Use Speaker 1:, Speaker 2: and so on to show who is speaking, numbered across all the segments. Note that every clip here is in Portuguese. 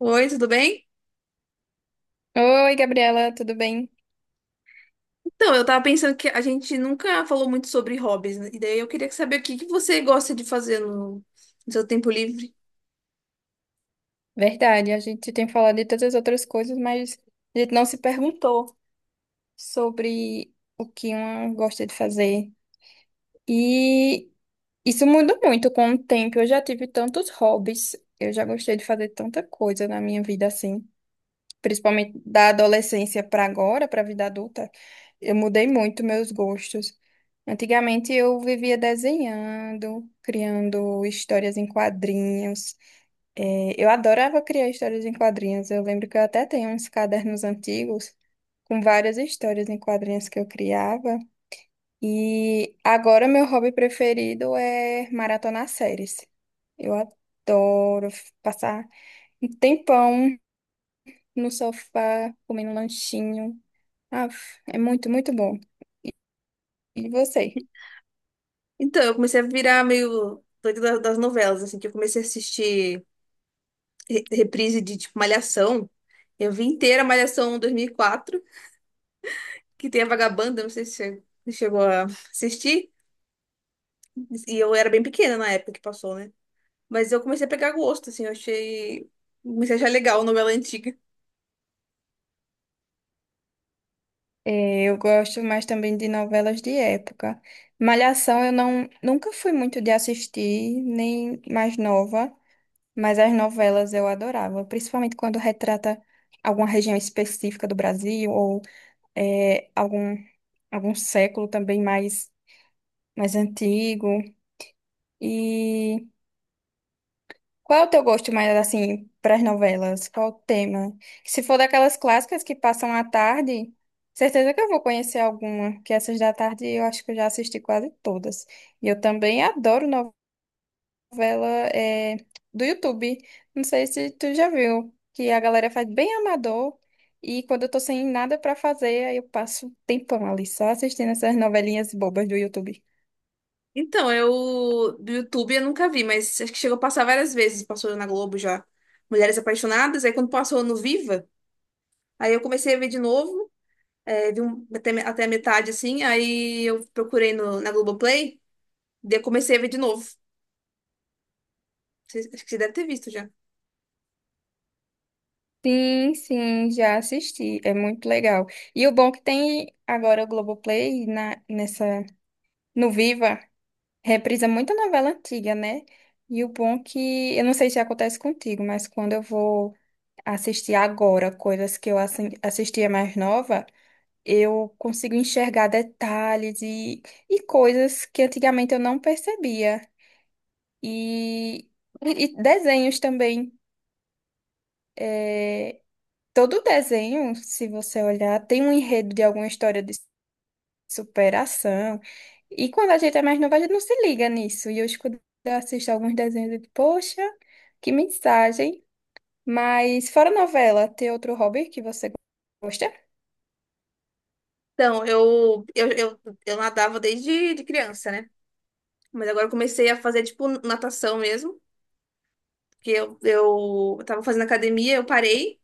Speaker 1: Oi, tudo bem?
Speaker 2: Oi, Gabriela, tudo bem?
Speaker 1: Então, eu tava pensando que a gente nunca falou muito sobre hobbies, né? E daí eu queria saber o que que você gosta de fazer no seu tempo livre.
Speaker 2: Verdade, a gente tem falado de tantas outras coisas, mas a gente não se perguntou sobre o que uma gosta de fazer. E isso muda muito com o tempo. Eu já tive tantos hobbies, eu já gostei de fazer tanta coisa na minha vida assim, principalmente da adolescência para agora, para a vida adulta. Eu mudei muito meus gostos. Antigamente eu vivia desenhando, criando histórias em quadrinhos. É, eu adorava criar histórias em quadrinhos. Eu lembro que eu até tenho uns cadernos antigos com várias histórias em quadrinhos que eu criava. E agora meu hobby preferido é maratonar séries. Eu adoro passar um tempão no sofá, comendo um lanchinho. Ah, é muito, muito bom. E você?
Speaker 1: Então, eu comecei a virar meio doida das novelas, assim, que eu comecei a assistir reprise de, tipo, Malhação. Eu vi inteira Malhação 2004 que tem a Vagabanda, não sei se você chegou a assistir. E eu era bem pequena na época que passou, né? Mas eu comecei a pegar gosto, assim, eu achei. Comecei a achar legal novela antiga.
Speaker 2: É, eu gosto mais também de novelas de época. Malhação eu não, nunca fui muito de assistir, nem mais nova. Mas as novelas eu adorava, principalmente quando retrata alguma região específica do Brasil ou algum, algum século também mais, mais antigo. E qual é o teu gosto mais assim para as novelas? Qual o tema? Se for daquelas clássicas que passam à tarde, certeza que eu vou conhecer alguma, que essas da tarde eu acho que eu já assisti quase todas. E eu também adoro novelas. Novela é, do YouTube. Não sei se tu já viu, que a galera faz bem amador. E quando eu tô sem nada pra fazer, aí eu passo um tempão ali só assistindo essas novelinhas bobas do YouTube.
Speaker 1: Então, eu do YouTube eu nunca vi, mas acho que chegou a passar várias vezes, passou na Globo já. Mulheres Apaixonadas, aí quando passou no Viva, aí eu comecei a ver de novo, vi até a metade assim, aí eu procurei no, na Globoplay, daí eu comecei a ver de novo. Acho que você deve ter visto já.
Speaker 2: Sim, sim, já assisti. É muito legal. E o bom que tem agora o Globoplay na, nessa, no Viva, reprisa muita novela antiga, né? E o bom que, eu não sei se acontece contigo, mas quando eu vou assistir agora coisas que eu assistia mais nova. Eu consigo enxergar detalhes e coisas que antigamente eu não percebia. E, e desenhos também. É, todo desenho, se você olhar, tem um enredo de alguma história de superação. E quando a gente é mais nova, a gente não se liga nisso. E hoje, quando eu assisto alguns desenhos, eu digo, poxa, que mensagem. Mas fora novela, tem outro hobby que você gosta?
Speaker 1: Então, eu nadava desde de criança, né? Mas agora eu comecei a fazer, tipo, natação mesmo, porque eu tava fazendo academia, eu parei.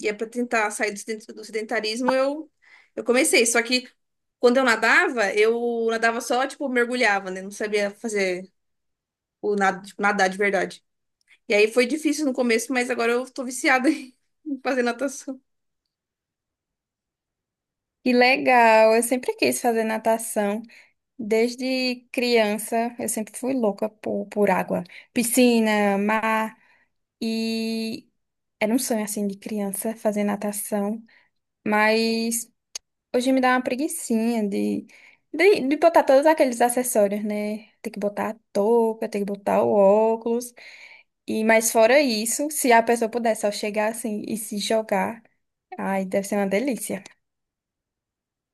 Speaker 1: E é para tentar sair do sedentarismo, eu comecei. Só que quando eu nadava só, tipo, mergulhava, né? Não sabia fazer o nado, tipo, nadar de verdade. E aí foi difícil no começo, mas agora eu tô viciada em fazer natação.
Speaker 2: Que legal, eu sempre quis fazer natação. Desde criança, eu sempre fui louca por água. Piscina, mar, e era um sonho, assim, de criança, fazer natação. Mas hoje me dá uma preguicinha de, de botar todos aqueles acessórios, né? Tem que botar a touca, tem que botar o óculos. E, mas fora isso, se a pessoa puder só chegar assim e se jogar, ai, deve ser uma delícia.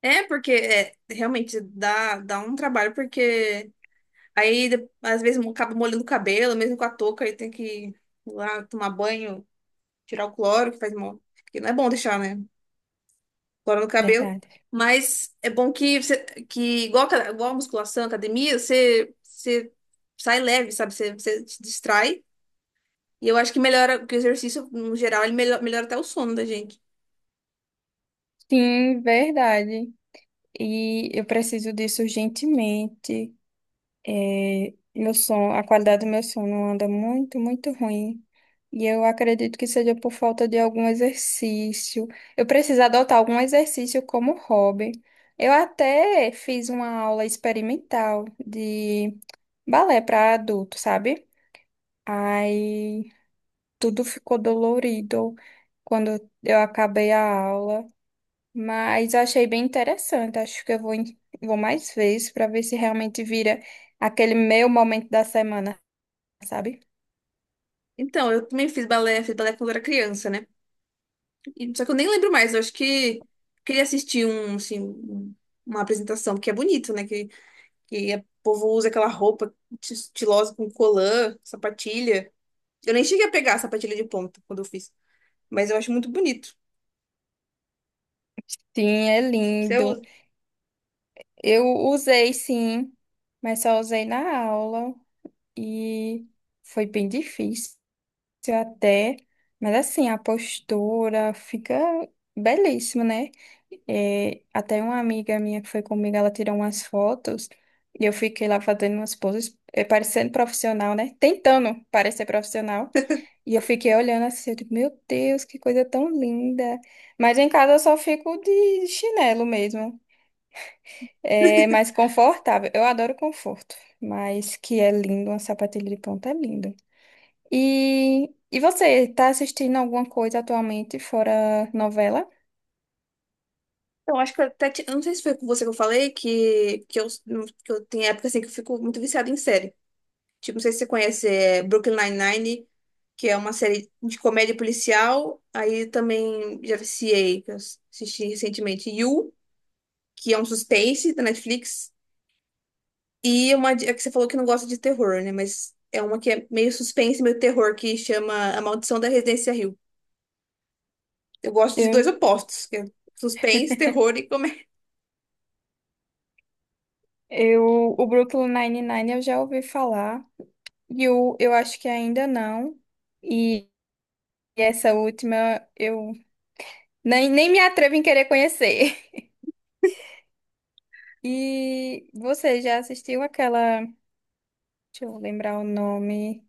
Speaker 1: É, porque é, realmente dá um trabalho, porque aí às vezes acaba molhando o cabelo, mesmo com a touca, aí tem que ir lá tomar banho, tirar o cloro, que faz mal. Porque não é bom deixar, né? Cola no cabelo.
Speaker 2: Verdade.
Speaker 1: Mas é bom que igual, igual a musculação, academia, você sai leve, sabe? Você se distrai. E eu acho que melhora, porque o exercício, no geral, ele melhora, até o sono da gente.
Speaker 2: Sim, verdade. E eu preciso disso urgentemente. É, meu som, a qualidade do meu som não anda muito, muito ruim. E eu acredito que seja por falta de algum exercício. Eu preciso adotar algum exercício como hobby. Eu até fiz uma aula experimental de balé para adulto, sabe? Aí tudo ficou dolorido quando eu acabei a aula, mas achei bem interessante. Acho que eu vou, vou mais vezes para ver se realmente vira aquele meu momento da semana sabe?
Speaker 1: Então, eu também fiz balé quando eu era criança, né? Só que eu nem lembro mais, eu acho que queria assistir um, assim, uma apresentação, que é bonito, né? Que o povo usa aquela roupa estilosa com colã, sapatilha. Eu nem cheguei a pegar a sapatilha de ponta quando eu fiz, mas eu acho muito bonito.
Speaker 2: Sim, é
Speaker 1: Você
Speaker 2: lindo.
Speaker 1: usa?
Speaker 2: Eu usei sim, mas só usei na aula e foi bem difícil até. Mas assim, a postura fica belíssima, né? É, até uma amiga minha que foi comigo, ela tirou umas fotos e eu fiquei lá fazendo umas poses, é, parecendo profissional, né? Tentando parecer profissional. E eu fiquei olhando assim, eu digo, meu Deus, que coisa tão linda. Mas em casa eu só fico de chinelo mesmo. É mais confortável. Eu adoro conforto, mas que é lindo, uma sapatilha de ponta é linda. E você, tá assistindo alguma coisa atualmente fora novela?
Speaker 1: Então, acho que eu até, eu não sei se foi com você que eu falei que eu tenho época assim que eu fico muito viciada em série. Tipo, não sei se você conhece Brooklyn Nine-Nine, que é uma série de comédia policial. Aí também já viciei, que eu assisti recentemente. You, que é um suspense da Netflix. E é que você falou que não gosta de terror, né? Mas é uma que é meio suspense, meio terror, que chama A Maldição da Residência Hill. Eu gosto de
Speaker 2: Eu,
Speaker 1: dois opostos, que é suspense, terror e comédia.
Speaker 2: eu, o Brooklyn Nine-Nine eu já ouvi falar, e o, eu acho que ainda não. E essa última eu nem, nem me atrevo em querer conhecer. E você já assistiu aquela, deixa eu lembrar o nome,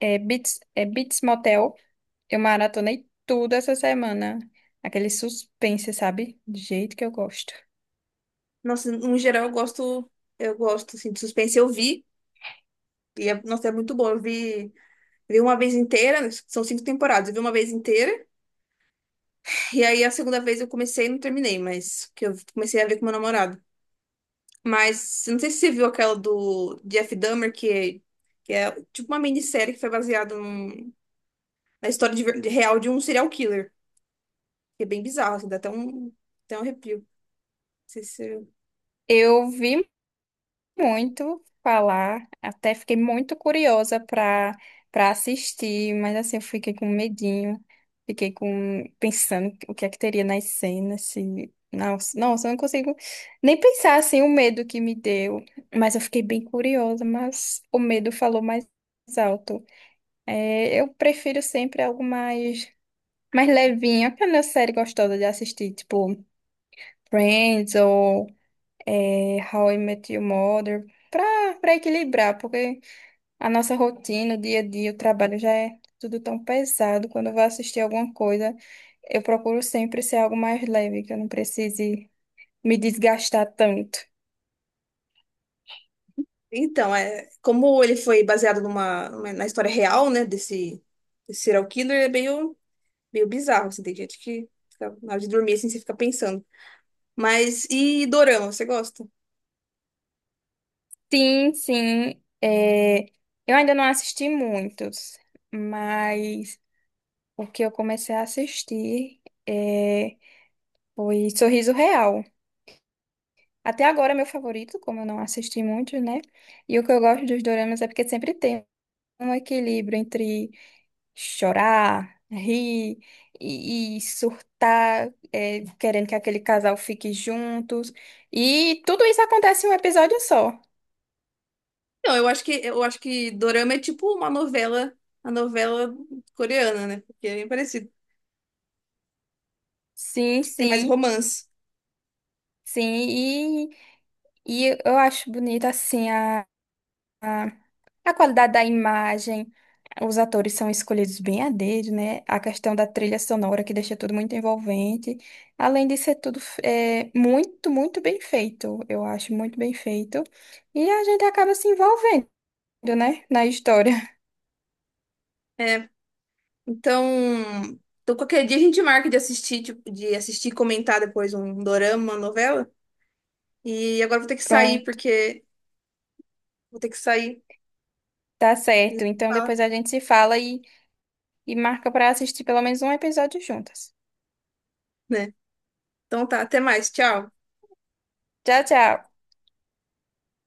Speaker 2: é Beats Motel? Eu maratonei tudo essa semana. Aquele suspense, sabe? Do jeito que eu gosto.
Speaker 1: Nossa, no geral eu gosto assim, de suspense, eu vi, e é, nossa, é muito bom. Eu vi uma vez inteira, são cinco temporadas, eu vi uma vez inteira, e aí a segunda vez eu comecei e não terminei, mas que eu comecei a ver com meu namorado. Mas eu não sei se você viu aquela do Jeff Dahmer, que é tipo uma minissérie que foi baseada na história de real de um serial killer, que é bem bizarro, assim, dá até um, arrepio. Não sei se.
Speaker 2: Eu vi muito falar, até fiquei muito curiosa para para assistir, mas assim, eu fiquei com medinho. Fiquei com pensando o que é que teria nas cenas, se... Nossa, nossa, eu não consigo nem pensar assim o medo que me deu, mas eu fiquei bem curiosa, mas o medo falou mais alto. É, eu prefiro sempre algo mais mais levinha, aquela série gostosa de assistir, tipo Friends ou é, How I Met Your Mother, pra, pra equilibrar, porque a nossa rotina, o dia a dia, o trabalho já é tudo tão pesado. Quando eu vou assistir alguma coisa, eu procuro sempre ser algo mais leve, que eu não precise me desgastar tanto.
Speaker 1: Então, como ele foi baseado na história real, né, desse serial killer, é meio, meio bizarro, assim, tem gente que na hora de dormir, assim, você fica pensando. Mas, e Dorama, você gosta?
Speaker 2: Sim, sim, é, eu ainda não assisti muitos, mas o que eu comecei a assistir é, foi Sorriso Real. Até agora é meu favorito, como eu não assisti muito né? E o que eu gosto dos doramas é porque sempre tem um equilíbrio entre chorar, rir e surtar, é, querendo que aquele casal fique juntos. E tudo isso acontece em um episódio só.
Speaker 1: Não, eu acho que Dorama é tipo uma novela, a novela coreana, né, porque é bem parecido,
Speaker 2: Sim,
Speaker 1: tipo, tem mais
Speaker 2: sim,
Speaker 1: romance.
Speaker 2: sim. E eu acho bonita, assim, a, a qualidade da imagem, os atores são escolhidos bem a dedo, né? A questão da trilha sonora que deixa tudo muito envolvente. Além de ser tudo é, muito, muito bem feito, eu acho muito bem feito. E a gente acaba se envolvendo, né? Na história.
Speaker 1: É, então, qualquer dia a gente marca de assistir, tipo, de assistir e comentar depois um Dorama, uma novela, e agora eu vou ter que sair,
Speaker 2: Pronto,
Speaker 1: porque vou ter que sair.
Speaker 2: tá
Speaker 1: E
Speaker 2: certo. Então
Speaker 1: fala,
Speaker 2: depois a gente se fala e marca para assistir pelo menos um episódio juntas.
Speaker 1: né? Então tá, até mais, tchau.
Speaker 2: Tchau, tchau.